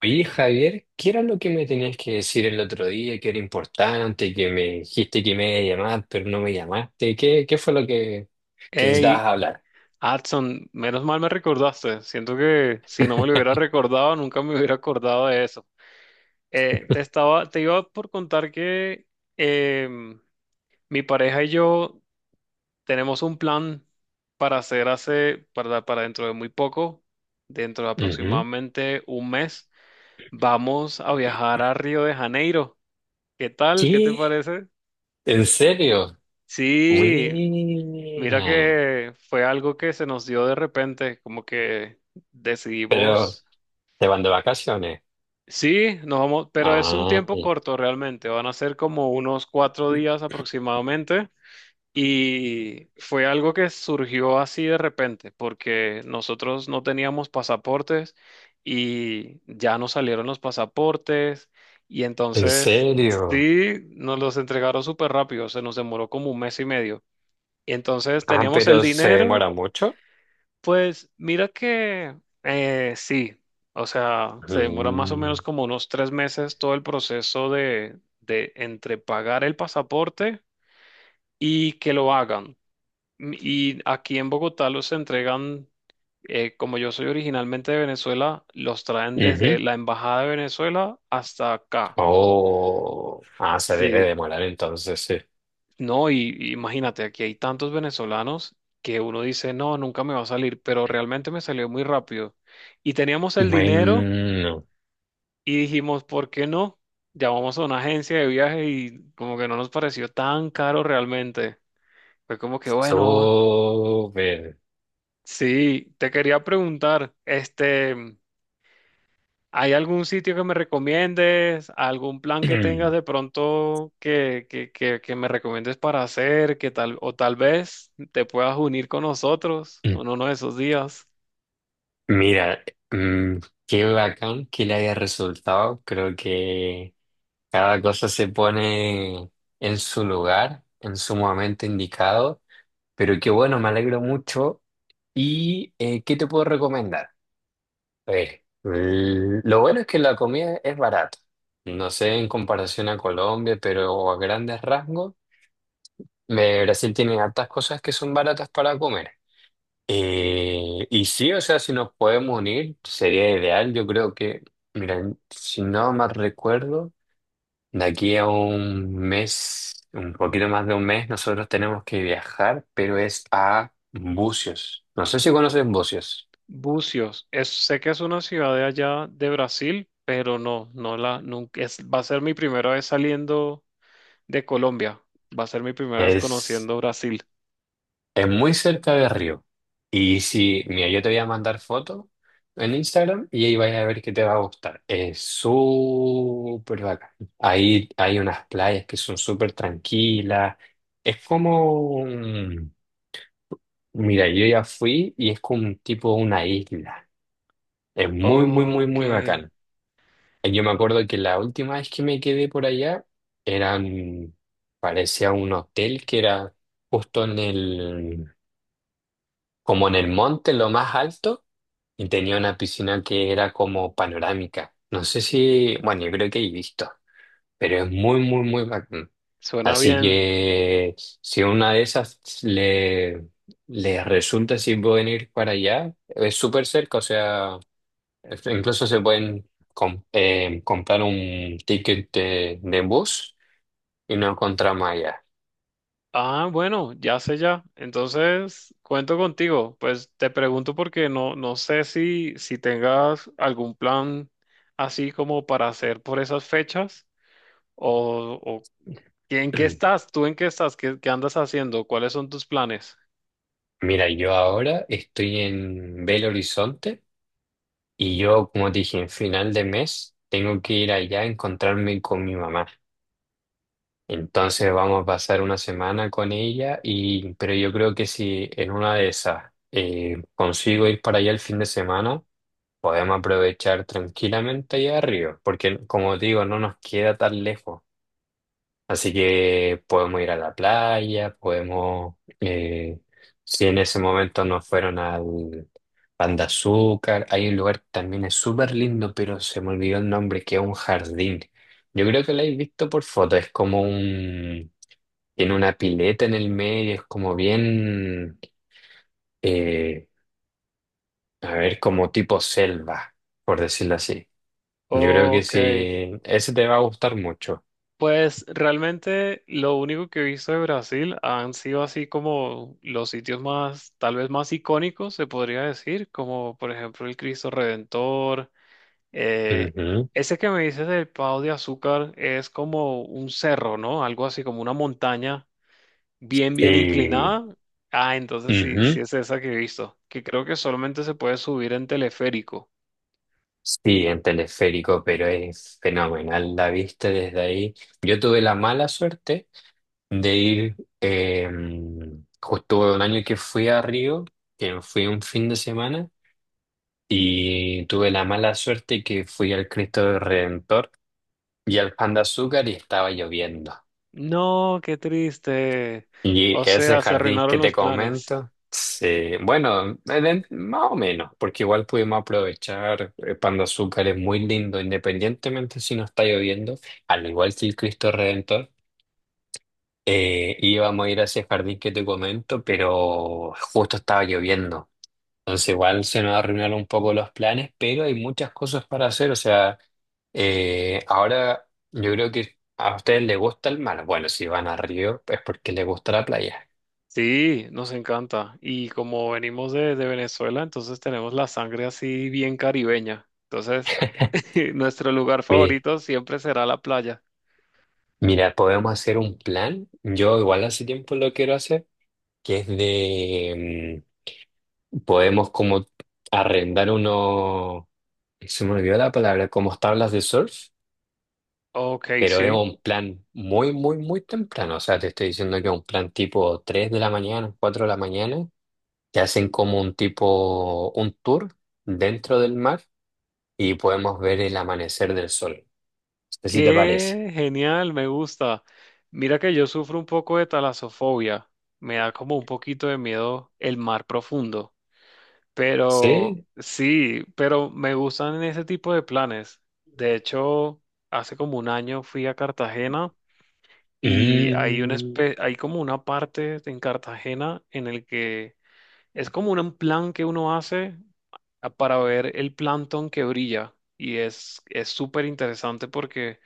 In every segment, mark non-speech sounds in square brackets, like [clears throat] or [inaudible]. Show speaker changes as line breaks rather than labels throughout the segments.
Oye, Javier, ¿qué era lo que me tenías que decir el otro día, que era importante, que me dijiste que me iba a llamar, pero no me llamaste? ¿Qué fue lo que
Hey,
necesitabas hablar?
Adson, menos mal me recordaste. Siento que si no me lo hubiera
[laughs]
recordado, nunca me hubiera acordado de eso. Te iba por contar que em, mi pareja y yo tenemos un plan para hacer hace, para dentro de muy poco, dentro de
Ujú.
aproximadamente un mes, vamos a viajar a Río de Janeiro. ¿Qué tal? ¿Qué te
¿Qué?
parece?
¿En serio?
Sí, mira
Buena.
que fue algo que se nos dio de repente, como que
Pero,
decidimos,
¿te van de vacaciones?
sí, nos vamos, pero es un tiempo
Ay,
corto realmente, van a ser como unos 4 días aproximadamente, y fue algo que surgió así de repente, porque nosotros no teníamos pasaportes y ya nos salieron los pasaportes y
¿en
entonces
serio?
sí, nos los entregaron súper rápido, se nos demoró como un mes y medio. Y entonces
Ah,
teníamos el
pero ¿se
dinero.
demora mucho?
Pues mira que sí, o sea, se demora más o
Mm,
menos como unos 3 meses todo el proceso de, entre pagar el pasaporte y que lo hagan. Y aquí en Bogotá los entregan, como yo soy originalmente de Venezuela, los traen
ujú.
desde la Embajada de Venezuela hasta acá.
Oh, ah, se debe
Sí,
demorar entonces, sí.
no, y imagínate, aquí hay tantos venezolanos que uno dice, no, nunca me va a salir, pero realmente me salió muy rápido. Y teníamos el dinero.
Bueno.
Y dijimos, ¿por qué no? Llamamos a una agencia de viaje y como que no nos pareció tan caro realmente. Fue como que, bueno, vamos.
Sobre.
Sí, te quería preguntar, este, ¿hay algún sitio que me recomiendes? ¿Algún plan que tengas de
[clears throat]
pronto que me recomiendes para hacer? Que tal, o tal vez te puedas unir con nosotros en uno de esos días.
Mira, mm, qué bacán que le haya resultado. Creo que cada cosa se pone en su lugar, en su momento indicado. Pero qué bueno, me alegro mucho. ¿Y qué te puedo recomendar? A ver, lo bueno es que la comida es barata. No sé en comparación a Colombia, pero a grandes rasgos, Brasil tiene hartas cosas que son baratas para comer. Y sí, o sea, si nos podemos unir, sería ideal. Yo creo que, mira, si no más recuerdo, de aquí a un mes, un poquito más de un mes, nosotros tenemos que viajar, pero es a Bucios. No sé si conoces Bucios.
Bucios, es, sé que es una ciudad de allá de Brasil, pero no, no la, nunca, es, va a ser mi primera vez saliendo de Colombia. Va a ser mi primera vez
Es
conociendo Brasil.
Es muy cerca de Río. Y si, mira, yo te voy a mandar fotos en Instagram y ahí vais a ver que te va a gustar. Es súper bacán. Ahí hay unas playas que son súper tranquilas. Es como, mira, yo ya fui y es como un tipo una isla. Es muy, muy, muy,
Ok,
muy bacán. Y yo me acuerdo que la última vez que me quedé por allá eran, parecía un hotel que era justo en el como en el monte, en lo más alto, y tenía una piscina que era como panorámica. No sé si, bueno, yo creo que he visto, pero es muy, muy, muy bacán.
suena
Así
bien.
que si una de le resulta si pueden ir para allá, es súper cerca, o sea, incluso se pueden comprar un ticket de bus y no encontramos allá.
Ah, bueno, ya sé ya. Entonces, cuento contigo. Pues te pregunto porque no sé si tengas algún plan así como para hacer por esas fechas o ¿en qué
[clears throat]
estás? ¿Tú en qué estás? ¿Qué andas haciendo? ¿Cuáles son tus planes?
Mira, yo ahora estoy en Belo Horizonte. Y yo, como te dije, en final de mes tengo que ir allá a encontrarme con mi mamá. Entonces vamos a pasar una semana con ella y pero yo creo que si en una de esas consigo ir para allá el fin de semana, podemos aprovechar tranquilamente allá arriba, porque como te digo, no nos queda tan lejos. Así que podemos ir a la playa, podemos, eh, si en ese momento no fueron al Pan de Azúcar, hay un lugar que también es súper lindo, pero se me olvidó el nombre, que es un jardín. Yo creo que lo habéis visto por foto, es como un, tiene una pileta en el medio, es como bien, eh, a ver, como tipo selva, por decirlo así. Yo creo que
Ok,
sí, ese te va a gustar mucho.
pues realmente lo único que he visto de Brasil han sido así como los sitios más, tal vez más icónicos, se podría decir, como por ejemplo el Cristo Redentor. eh,
Ujú.
ese que me dices del Pau de Azúcar es como un cerro, ¿no? Algo así como una montaña bien, bien
Sí.
inclinada. Ah, entonces sí,
Ujú.
sí es esa que he visto, que creo que solamente se puede subir en teleférico.
Sí, en teleférico, pero es fenomenal la vista desde ahí. Yo tuve la mala suerte de ir, eh, justo un año que fui a Río, que fui un fin de semana, y tuve la mala suerte que fui al Cristo del Redentor y al Pan de Azúcar y estaba lloviendo.
No, qué triste.
Y
O
ese
sea, se
jardín
arruinaron
que te
los planes.
comento, sí, bueno, en más o menos, porque igual pudimos aprovechar, Pan de Azúcar es muy lindo, independientemente si no está lloviendo, al igual que el Cristo Redentor, íbamos a ir a ese jardín que te comento, pero justo estaba lloviendo, entonces igual se nos arruinaron un poco los planes, pero hay muchas cosas para hacer, o sea, ahora yo creo que a ustedes les gusta el mar, bueno, si van a Río es porque les gusta la playa.
Sí, nos encanta. Y como venimos de Venezuela, entonces tenemos la sangre así bien caribeña. Entonces,
[laughs]
[laughs] nuestro lugar
Mi-
favorito siempre será la playa.
Mira, podemos hacer un plan. Yo igual hace tiempo lo quiero hacer, que es de, podemos como arrendar uno, se me olvidó la palabra, como tablas de surf,
Ok,
pero es
sí.
un plan muy, muy, muy temprano. O sea, te estoy diciendo que es un plan tipo 3 de la mañana, 4 de la mañana. Te hacen como un tipo, un tour dentro del mar y podemos ver el amanecer del sol. No sé si te parece.
Qué genial, me gusta. Mira que yo sufro un poco de talasofobia. Me da como un poquito de miedo el mar profundo. Pero
Sí.
sí, pero me gustan ese tipo de planes. De hecho, hace como un año fui a Cartagena. Y hay
Mm.
hay como una parte en Cartagena en el que es como un plan que uno hace para ver el plancton que brilla. Y es súper interesante porque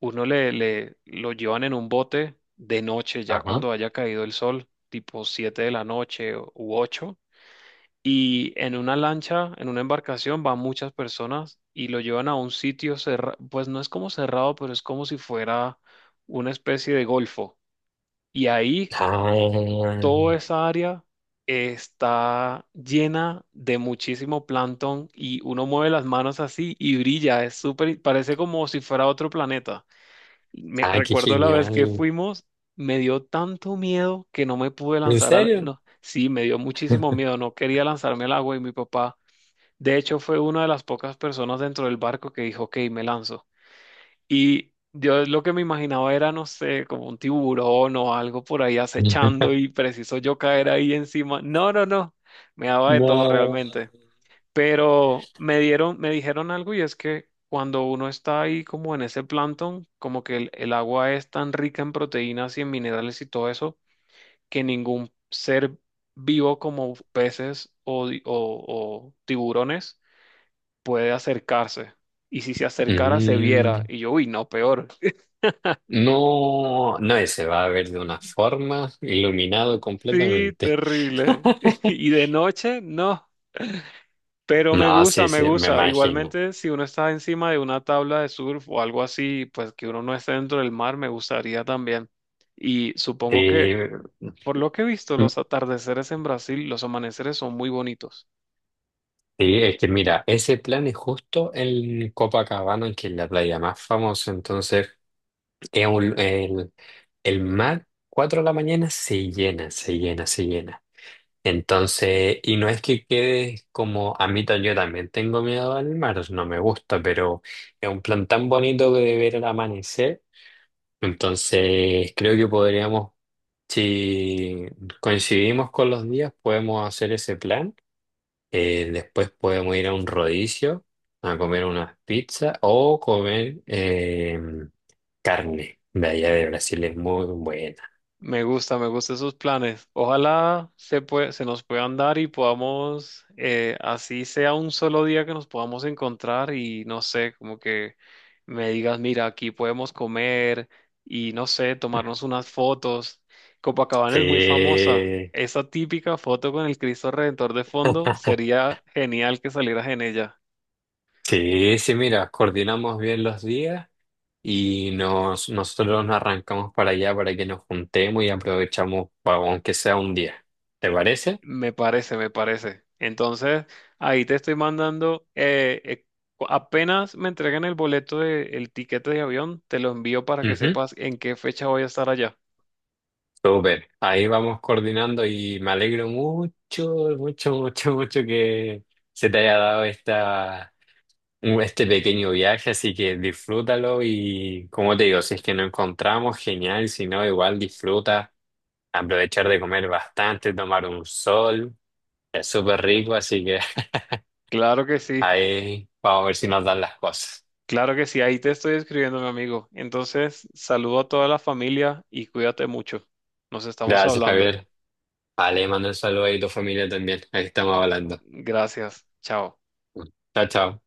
uno le lo llevan en un bote de noche, ya
Ajá.
cuando haya caído el sol, tipo 7 de la noche u 8. Y en una lancha, en una embarcación, van muchas personas y lo llevan a un sitio cerrado, pues no es como cerrado, pero es como si fuera una especie de golfo y ahí
Ah,
toda esa área está llena de muchísimo plancton y uno mueve las manos así y brilla, es súper, parece como si fuera otro planeta. Me
ah, qué
recuerdo la vez que
genial.
fuimos, me dio tanto miedo que no me pude
¿En
lanzar al,
serio?
no, sí, me dio muchísimo miedo, no quería lanzarme al agua y mi papá, de hecho, fue una de las pocas personas dentro del barco que dijo, ok, me lanzo. Y yo lo que me imaginaba era, no sé, como un tiburón o algo por ahí acechando
[laughs]
y preciso yo caer ahí encima. No, no, no. Me daba de todo
No.
realmente. Pero me dijeron algo y es que cuando uno está ahí como en ese plancton, como que el agua es tan rica en proteínas y en minerales y todo eso, que ningún ser vivo como peces o, di- o tiburones puede acercarse. Y si se acercara, se viera.
Mm,
Y yo, uy, no, peor.
no, no, se va a ver de una forma iluminado
Sí,
completamente.
terrible. [laughs]
[laughs]
Y de noche, no. Pero
No,
me gusta,
sí,
me
sí, me
gusta.
imagino.
Igualmente, si uno está encima de una tabla de surf o algo así, pues que uno no esté dentro del mar, me gustaría también. Y supongo que,
Eh,
por lo que he visto,
mm,
los atardeceres en Brasil, los amaneceres son muy bonitos.
sí, es que mira, ese plan es justo en Copacabana, que es la playa más famosa, entonces es el mar, 4 de la mañana, se llena, se llena, se llena. Entonces, y no es que quedes como a mitad, yo también tengo miedo al mar, no me gusta, pero es un plan tan bonito de ver el amanecer. Entonces, creo que podríamos, si coincidimos con los días, podemos hacer ese plan. Después podemos ir a un rodicio a comer unas pizzas o comer carne de allá de Brasil, es muy buena.
Me gusta, me gustan esos planes. Ojalá se nos puedan dar y podamos, así sea un solo día que nos podamos encontrar y no sé, como que me digas, mira, aquí podemos comer y no sé, tomarnos unas fotos. Copacabana es muy famosa.
Sí.
Esa típica foto con el Cristo Redentor de fondo
[laughs]
sería genial que salieras en ella.
Sí, sí, mira, coordinamos bien los días nosotros nos arrancamos para allá para que nos juntemos y aprovechamos, aunque sea un día. ¿Te parece?
Me parece, me parece. Entonces, ahí te estoy mandando, apenas me entreguen el el tiquete de avión, te lo envío para que
Ujú,
sepas en qué fecha voy a estar allá.
súper. Ahí vamos coordinando y me alegro mucho, mucho, mucho, mucho que se te haya dado este pequeño viaje, así que disfrútalo y como te digo, si es que nos encontramos, genial, si no, igual disfruta, aprovechar de comer bastante, tomar un sol. Es súper rico, así que
Claro que sí,
Ahí vamos a ver si nos dan las cosas.
claro que sí, ahí te estoy escribiendo, mi amigo. Entonces, saludo a toda la familia y cuídate mucho. Nos estamos
Gracias,
hablando.
Javier. Vale, mando un saludo ahí a tu familia también. Ahí estamos hablando.
Gracias, chao.
Chao, chao.